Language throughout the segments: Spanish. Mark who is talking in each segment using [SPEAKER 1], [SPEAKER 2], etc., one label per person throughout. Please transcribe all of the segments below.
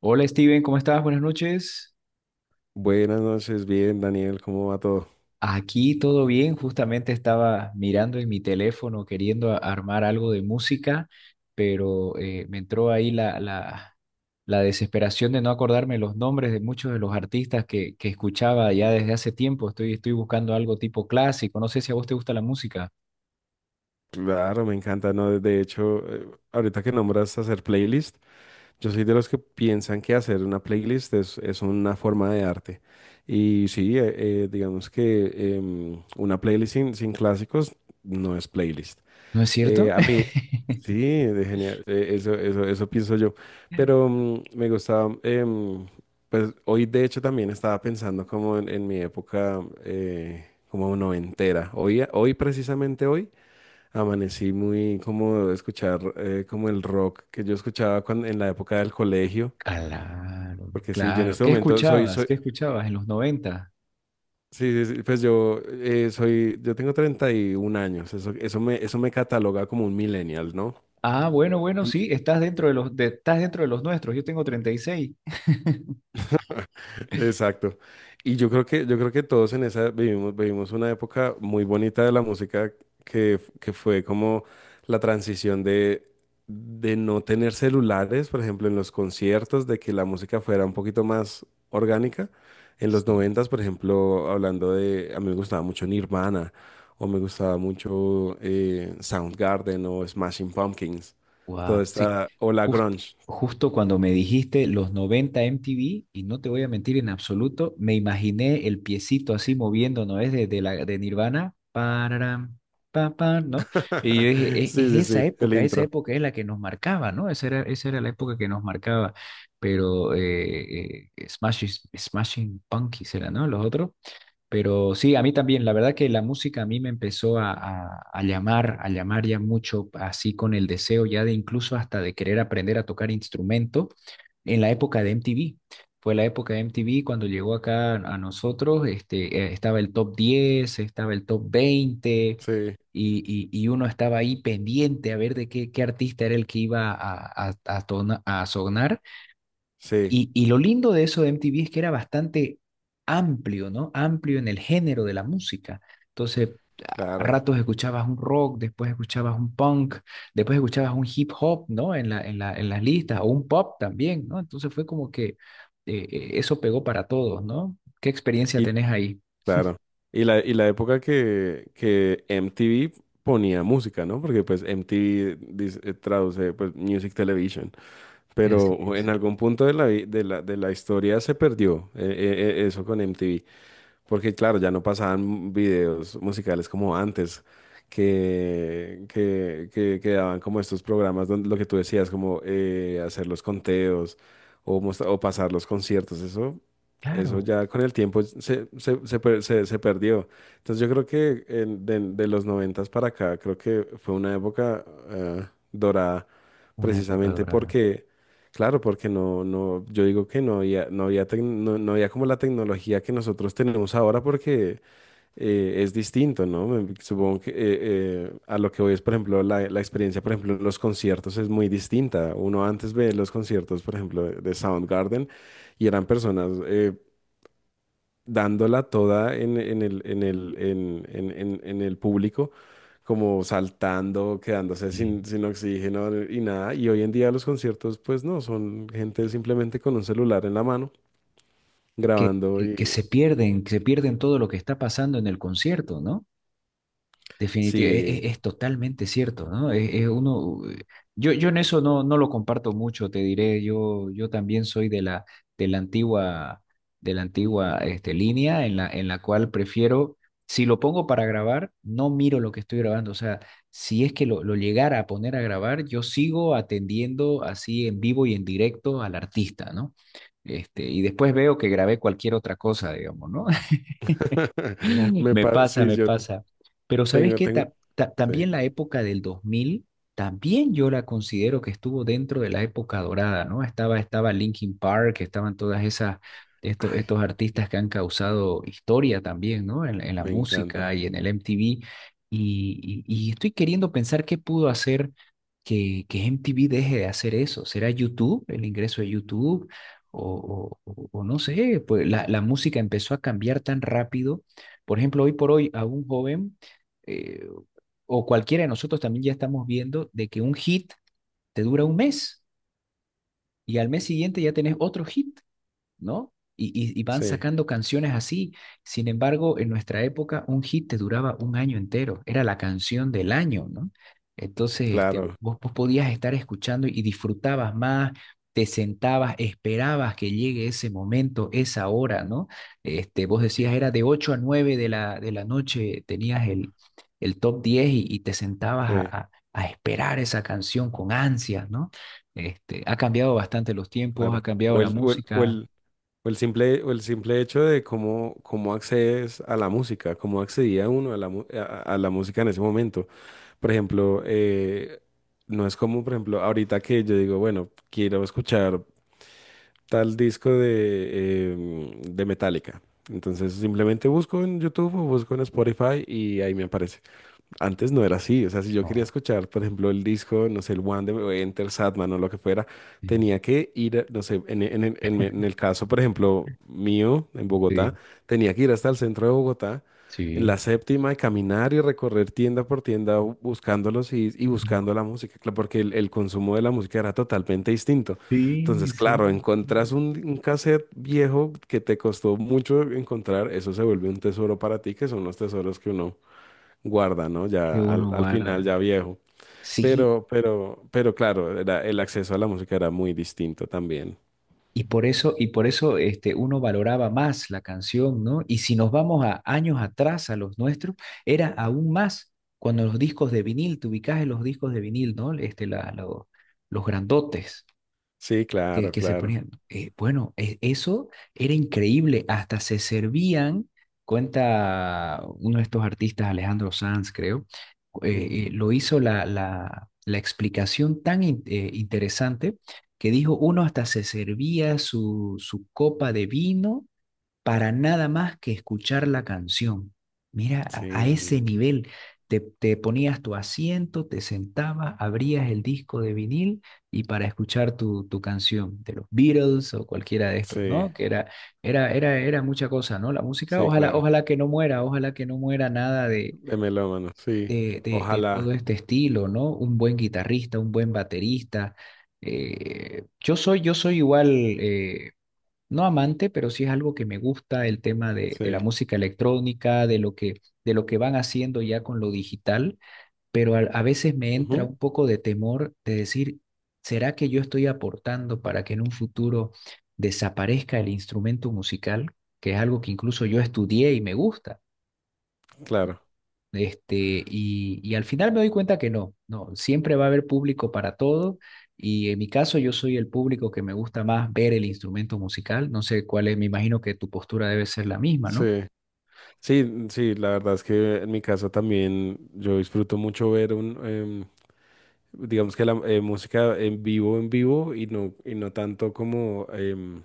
[SPEAKER 1] Hola Steven, ¿cómo estás? Buenas noches.
[SPEAKER 2] Buenas noches, bien, Daniel, ¿cómo va todo?
[SPEAKER 1] Aquí todo bien, justamente estaba mirando en mi teléfono queriendo armar algo de música, pero me entró ahí la desesperación de no acordarme los nombres de muchos de los artistas que escuchaba ya desde hace tiempo. Estoy buscando algo tipo clásico, no sé si a vos te gusta la música.
[SPEAKER 2] Claro, me encanta, ¿no? De hecho, ahorita que nombras hacer playlist, yo soy de los que piensan que hacer una playlist es una forma de arte. Y sí, digamos que una playlist sin clásicos no es playlist.
[SPEAKER 1] ¿No es cierto?
[SPEAKER 2] A mí, sí, de genial, Eso pienso yo. Pero me gustaba, pues hoy de hecho también estaba pensando como en mi época como noventera. Hoy precisamente hoy amanecí muy como de escuchar como el rock que yo escuchaba cuando, en la época del colegio.
[SPEAKER 1] Claro,
[SPEAKER 2] Porque sí, yo en
[SPEAKER 1] claro.
[SPEAKER 2] este
[SPEAKER 1] ¿Qué
[SPEAKER 2] momento soy,
[SPEAKER 1] escuchabas?
[SPEAKER 2] soy,
[SPEAKER 1] ¿Qué escuchabas en los 90?
[SPEAKER 2] sí, sí, sí, pues yo soy, yo tengo 31 años. Eso me cataloga como un millennial, ¿no?
[SPEAKER 1] Ah, bueno, bueno,
[SPEAKER 2] En-
[SPEAKER 1] sí, estás dentro de estás dentro de los nuestros, yo tengo 36.
[SPEAKER 2] Exacto. Y yo creo que todos en esa vivimos una época muy bonita de la música que fue como la transición de no tener celulares, por ejemplo, en los conciertos, de que la música fuera un poquito más orgánica. En los
[SPEAKER 1] Sí.
[SPEAKER 2] noventas, por ejemplo, hablando de, a mí me gustaba mucho Nirvana, o me gustaba mucho Soundgarden o Smashing Pumpkins, toda
[SPEAKER 1] Guau, sí,
[SPEAKER 2] esta, o la
[SPEAKER 1] jus-
[SPEAKER 2] grunge.
[SPEAKER 1] justo cuando me dijiste los 90 MTV, y no te voy a mentir en absoluto, me imaginé el piecito así moviendo, ¿no es? De Nirvana, pararam, pa, pa, ¿no? Y yo dije,
[SPEAKER 2] Sí, sí,
[SPEAKER 1] es
[SPEAKER 2] sí, el
[SPEAKER 1] esa
[SPEAKER 2] intro.
[SPEAKER 1] época es la que nos marcaba, ¿no? Esa era la época que nos marcaba, pero Smashing Pumpkins era, ¿no? Los otros. Pero sí, a mí también, la verdad que la música a mí me empezó a llamar ya mucho, así con el deseo ya de incluso hasta de querer aprender a tocar instrumento en la época de MTV. Fue la época de MTV cuando llegó acá a nosotros, este, estaba el top diez, estaba el top veinte,
[SPEAKER 2] Sí,
[SPEAKER 1] y y uno estaba ahí pendiente a ver de qué artista era el que iba a a sonar,
[SPEAKER 2] sí.
[SPEAKER 1] y lo lindo de eso de MTV es que era bastante amplio, ¿no? Amplio en el género de la música. Entonces, a
[SPEAKER 2] Claro,
[SPEAKER 1] ratos escuchabas un rock, después escuchabas un punk, después escuchabas un hip hop, ¿no? En en las listas, o un pop también, ¿no? Entonces fue como que eso pegó para todos, ¿no? ¿Qué experiencia
[SPEAKER 2] Y
[SPEAKER 1] tenés ahí?
[SPEAKER 2] claro. Y la época que MTV ponía música, ¿no? Porque pues MTV traduce pues Music Television.
[SPEAKER 1] Así
[SPEAKER 2] Pero en
[SPEAKER 1] es.
[SPEAKER 2] algún punto de la, vi- de la historia se perdió eso con MTV. Porque claro, ya no pasaban videos musicales como antes, que daban como estos programas donde lo que tú decías, como hacer los conteos o pasar los conciertos, eso
[SPEAKER 1] Claro,
[SPEAKER 2] ya con el tiempo se perdió. Entonces yo creo que de los noventas para acá, creo que fue una época eh, dorada
[SPEAKER 1] una época
[SPEAKER 2] precisamente
[SPEAKER 1] dorada.
[SPEAKER 2] porque. Claro, porque yo digo que no había como la tecnología que nosotros tenemos ahora porque es distinto, ¿no? Supongo que a lo que voy es, por ejemplo, la experiencia, por ejemplo, en los conciertos es muy distinta. Uno antes ve los conciertos, por ejemplo, de Soundgarden y eran personas, dándola toda en el, en el, en el público, como saltando, quedándose
[SPEAKER 1] Sí.
[SPEAKER 2] sin oxígeno y nada. Y hoy en día los conciertos, pues no, son gente simplemente con un celular en la mano,
[SPEAKER 1] Que,
[SPEAKER 2] grabando
[SPEAKER 1] que, que
[SPEAKER 2] y
[SPEAKER 1] se pierden, que se pierden todo lo que está pasando en el concierto, ¿no? Definitivamente,
[SPEAKER 2] sí,
[SPEAKER 1] es totalmente cierto, ¿no? Es uno, yo en eso no, no lo comparto mucho, te diré, yo también soy de de la antigua, de la antigua este, línea en en la cual prefiero, si lo pongo para grabar, no miro lo que estoy grabando, o sea, si es que lo llegara a poner a grabar, yo sigo atendiendo así en vivo y en directo al artista, ¿no? Este, y después veo que grabé cualquier otra cosa, digamos, ¿no? Me pasa,
[SPEAKER 2] sí,
[SPEAKER 1] me
[SPEAKER 2] yo
[SPEAKER 1] pasa. Pero ¿sabes
[SPEAKER 2] tengo,
[SPEAKER 1] qué?
[SPEAKER 2] tengo, sí,
[SPEAKER 1] También la época del 2000 también yo la considero que estuvo dentro de la época dorada, ¿no? Estaba Linkin Park, estaban todas esas,
[SPEAKER 2] ay,
[SPEAKER 1] estos artistas que han causado historia también, ¿no? En la
[SPEAKER 2] me encanta,
[SPEAKER 1] música y en el MTV. Y estoy queriendo pensar qué pudo hacer que MTV deje de hacer eso. ¿Será YouTube, el ingreso de YouTube? O, o no sé, pues la música empezó a cambiar tan rápido. Por ejemplo, hoy por hoy a un joven, eh, o cualquiera de nosotros también, ya estamos viendo de que un hit te dura un mes y al mes siguiente ya tenés otro hit, ¿no? Y, y van
[SPEAKER 2] sí,
[SPEAKER 1] sacando canciones así. Sin embargo, en nuestra época, un hit te duraba un año entero. Era la canción del año, ¿no? Entonces, este,
[SPEAKER 2] claro,
[SPEAKER 1] vos podías estar escuchando y disfrutabas más, te sentabas, esperabas que llegue ese momento, esa hora, ¿no? Este, vos decías, era de 8 a 9 de de la noche, tenías el top diez, y te sentabas
[SPEAKER 2] sí,
[SPEAKER 1] a esperar esa canción con ansias, ¿no? Este, ha cambiado bastante los tiempos, ha
[SPEAKER 2] claro.
[SPEAKER 1] cambiado
[SPEAKER 2] O
[SPEAKER 1] la
[SPEAKER 2] el, o el, o
[SPEAKER 1] música.
[SPEAKER 2] el- o el simple hecho de cómo, cómo accedes a la música, cómo accedía uno a la música en ese momento. Por ejemplo, no es como, por ejemplo, ahorita que yo digo, bueno, quiero escuchar tal disco de, de Metallica. Entonces simplemente busco en YouTube o busco en Spotify y ahí me aparece. Antes no era así, o sea, si yo quería
[SPEAKER 1] No.
[SPEAKER 2] escuchar, por ejemplo, el disco, no sé, el One de Enter Satman o lo que fuera,
[SPEAKER 1] Sí,
[SPEAKER 2] tenía que ir, no sé, en el caso, por ejemplo, mío, en Bogotá,
[SPEAKER 1] sí,
[SPEAKER 2] tenía que ir hasta el centro de Bogotá, en la
[SPEAKER 1] sí,
[SPEAKER 2] séptima, y caminar y recorrer tienda por tienda buscándolos y
[SPEAKER 1] no.
[SPEAKER 2] buscando la música, porque el consumo de la música era totalmente distinto.
[SPEAKER 1] Sí, sí,
[SPEAKER 2] Entonces, claro,
[SPEAKER 1] sí,
[SPEAKER 2] encontrás un cassette viejo que te costó mucho encontrar, eso se vuelve un tesoro para ti, que son los tesoros que uno guarda, ¿no?
[SPEAKER 1] que
[SPEAKER 2] Ya al,
[SPEAKER 1] uno
[SPEAKER 2] al final,
[SPEAKER 1] guarda.
[SPEAKER 2] ya viejo.
[SPEAKER 1] Sí,
[SPEAKER 2] Pero claro, era, el acceso a la música era muy distinto también.
[SPEAKER 1] y por eso este, uno valoraba más la canción, ¿no? Y si nos vamos a años atrás a los nuestros, era aún más cuando los discos de vinil, te ubicás en los discos de vinil, ¿no? Este, los grandotes.
[SPEAKER 2] Sí,
[SPEAKER 1] que,
[SPEAKER 2] claro,
[SPEAKER 1] que se
[SPEAKER 2] claro.
[SPEAKER 1] ponían. Bueno, eso era increíble. Hasta se servían, cuenta uno de estos artistas, Alejandro Sanz, creo,
[SPEAKER 2] Ujú.
[SPEAKER 1] lo hizo la explicación tan interesante que dijo, uno hasta se servía su copa de vino para nada más que escuchar la canción. Mira, a
[SPEAKER 2] Sí,
[SPEAKER 1] ese nivel. Te ponías tu asiento, te sentabas, abrías el disco de vinil y para escuchar tu canción de los Beatles o cualquiera de estos,
[SPEAKER 2] sí,
[SPEAKER 1] ¿no? Que era, era mucha cosa, ¿no? La música,
[SPEAKER 2] sí,
[SPEAKER 1] ojalá,
[SPEAKER 2] claro.
[SPEAKER 1] ojalá que no muera, ojalá que no muera nada de,
[SPEAKER 2] De melómano, sí.
[SPEAKER 1] de
[SPEAKER 2] Ojalá,
[SPEAKER 1] todo este estilo, ¿no? Un buen guitarrista, un buen baterista. Yo soy igual, no amante, pero sí es algo que me gusta, el tema de la
[SPEAKER 2] sí.
[SPEAKER 1] música electrónica, de lo de lo que van haciendo ya con lo digital, pero a veces me entra
[SPEAKER 2] Ujú,
[SPEAKER 1] un poco de temor de decir, ¿será que yo estoy aportando para que en un futuro desaparezca el instrumento musical, que es algo que incluso yo estudié y me gusta?
[SPEAKER 2] claro,
[SPEAKER 1] Este, y al final me doy cuenta que no, no, siempre va a haber público para todo. Y en mi caso, yo soy el público que me gusta más ver el instrumento musical. No sé cuál es, me imagino que tu postura debe ser la misma, ¿no?
[SPEAKER 2] sí. Sí, sí, la verdad es que en mi caso también yo disfruto mucho ver un, digamos que la música en vivo y no tanto como em,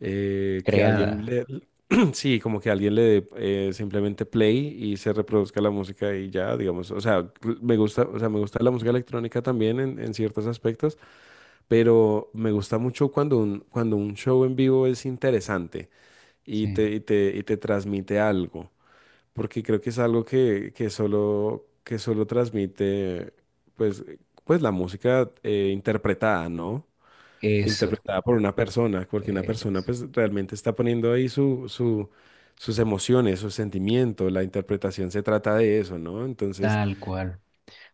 [SPEAKER 2] eh, que alguien
[SPEAKER 1] Creada.
[SPEAKER 2] le, sí, como que alguien le dé simplemente play y se reproduzca la música y ya, digamos, o sea, me gusta, o sea, me gusta la música electrónica también en ciertos aspectos, pero me gusta mucho cuando un show en vivo es interesante y
[SPEAKER 1] Sí,
[SPEAKER 2] te, y te, y te transmite algo porque creo que es algo que solo transmite, pues, pues la música interpretada, ¿no?
[SPEAKER 1] eso,
[SPEAKER 2] Interpretada por una persona, porque una
[SPEAKER 1] eh,
[SPEAKER 2] persona pues realmente está poniendo ahí sus emociones, sus sentimientos, la interpretación se trata de eso, ¿no? Entonces,
[SPEAKER 1] tal cual.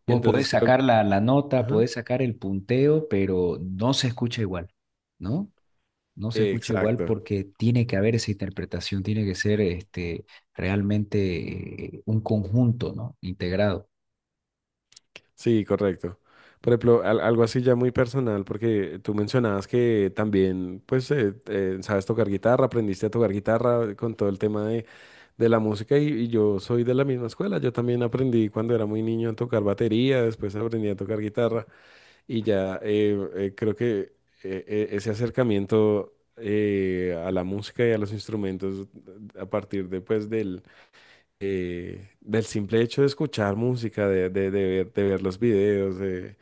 [SPEAKER 1] Vos
[SPEAKER 2] entonces
[SPEAKER 1] podés
[SPEAKER 2] creo.
[SPEAKER 1] sacar la nota,
[SPEAKER 2] Ujú.
[SPEAKER 1] podés sacar el punteo, pero no se escucha igual, ¿no? No se escucha igual
[SPEAKER 2] Exacto.
[SPEAKER 1] porque tiene que haber esa interpretación, tiene que ser este, realmente un conjunto, ¿no? Integrado.
[SPEAKER 2] Sí, correcto. Por ejemplo, algo así ya muy personal, porque tú mencionabas que también, pues, sabes tocar guitarra, aprendiste a tocar guitarra con todo el tema de la música y yo soy de la misma escuela. Yo también aprendí cuando era muy niño a tocar batería, después aprendí a tocar guitarra y ya creo que ese acercamiento a la música y a los instrumentos a partir después del simple hecho de escuchar música, de ver los videos,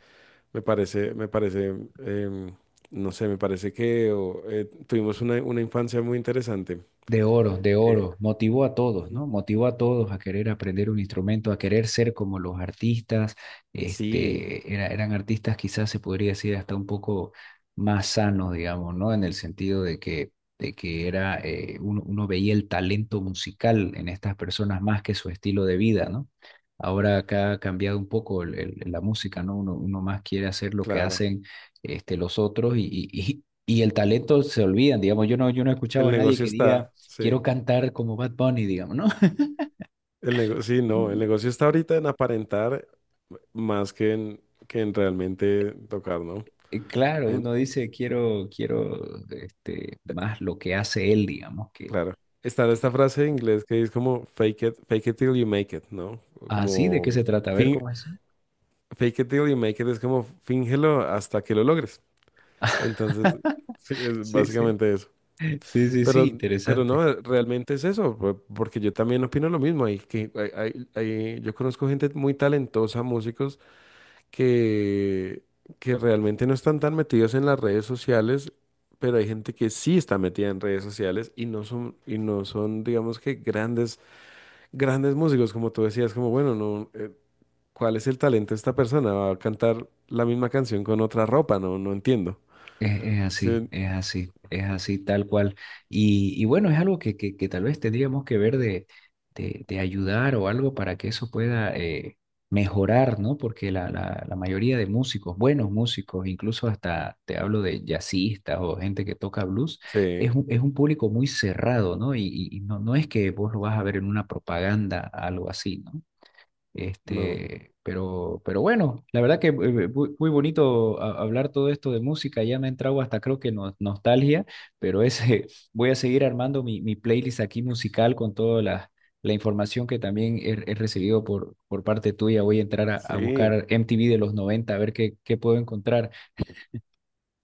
[SPEAKER 2] me parece, me parece, em, no sé, me parece que o, tuvimos una infancia muy interesante.
[SPEAKER 1] De oro, de
[SPEAKER 2] Eh,
[SPEAKER 1] oro. Motivó a todos,
[SPEAKER 2] ujú.
[SPEAKER 1] ¿no? Motivó a todos a querer aprender un instrumento, a querer ser como los artistas.
[SPEAKER 2] Sí,
[SPEAKER 1] Este, eran artistas quizás se podría decir hasta un poco más sanos, digamos, ¿no? En el sentido de que era, uno veía el talento musical en estas personas más que su estilo de vida, ¿no? Ahora acá ha cambiado un poco la música, ¿no? Uno más quiere hacer lo que
[SPEAKER 2] claro.
[SPEAKER 1] hacen, este, los otros, y, y el talento se olvidan, digamos. Yo no he escuchado
[SPEAKER 2] El
[SPEAKER 1] a nadie
[SPEAKER 2] negocio
[SPEAKER 1] que diga
[SPEAKER 2] está,
[SPEAKER 1] quiero
[SPEAKER 2] sí.
[SPEAKER 1] cantar como Bad Bunny, digamos, ¿no?
[SPEAKER 2] El negocio, sí, no, el negocio está ahorita en aparentar más que que en realmente tocar, ¿no?
[SPEAKER 1] Claro,
[SPEAKER 2] En-
[SPEAKER 1] uno dice, quiero, quiero este, más lo que hace él, digamos,
[SPEAKER 2] claro. Está esta
[SPEAKER 1] que...
[SPEAKER 2] frase en inglés que es como fake it till you make it, ¿no?
[SPEAKER 1] Ah, sí, ¿de qué se
[SPEAKER 2] Como
[SPEAKER 1] trata? A ver,
[SPEAKER 2] fin,
[SPEAKER 1] ¿cómo es eso?
[SPEAKER 2] Fake it till you make it es como fíngelo hasta que lo logres. Entonces, sí, es
[SPEAKER 1] Sí, sí,
[SPEAKER 2] básicamente eso.
[SPEAKER 1] sí, sí, sí,
[SPEAKER 2] Pero
[SPEAKER 1] interesante.
[SPEAKER 2] no, realmente es eso, porque yo también opino lo mismo. Hay que, hay- hay- yo conozco gente muy talentosa, músicos, que, que realmente no están tan metidos en las redes sociales, pero hay gente que sí está metida en redes sociales y no son, digamos que grandes músicos, como tú decías, como bueno, no. ¿Cuál es el talento de esta persona? Va a cantar la misma canción con otra ropa, no, no entiendo.
[SPEAKER 1] Es así,
[SPEAKER 2] Sí,
[SPEAKER 1] es así, es así, tal cual. Y bueno, es algo que tal vez tendríamos que ver de, de ayudar o algo para que eso pueda mejorar, ¿no? Porque la mayoría de músicos, buenos músicos, incluso hasta te hablo de jazzistas o gente que toca blues,
[SPEAKER 2] sí,
[SPEAKER 1] es un público muy cerrado, ¿no? Y, no, no es que vos lo vas a ver en una propaganda, algo así, ¿no?
[SPEAKER 2] no.
[SPEAKER 1] Este, pero bueno, la verdad que muy, muy bonito hablar todo esto de música, ya me ha entrado hasta creo que nostalgia, pero ese, voy a seguir armando mi playlist aquí musical con toda la, la información que también he, he recibido por parte tuya. Voy a entrar a
[SPEAKER 2] Sí,
[SPEAKER 1] buscar MTV de los 90 a ver qué, qué puedo encontrar.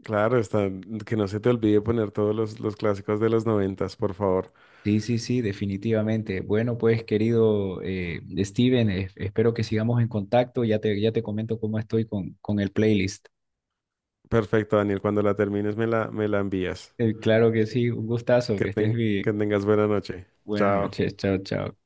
[SPEAKER 2] claro, está, que no se te olvide poner todos los clásicos de los noventas, por favor.
[SPEAKER 1] Sí, sí, sí, definitivamente. Bueno, pues querido Steven, espero que sigamos en contacto, ya te comento cómo estoy con el playlist.
[SPEAKER 2] Perfecto, Daniel, cuando la termines me la envías.
[SPEAKER 1] Claro que sí, un gustazo, que estés
[SPEAKER 2] Que
[SPEAKER 1] bien.
[SPEAKER 2] tengas buena noche.
[SPEAKER 1] Buenas
[SPEAKER 2] Chao.
[SPEAKER 1] noches, chao, chao.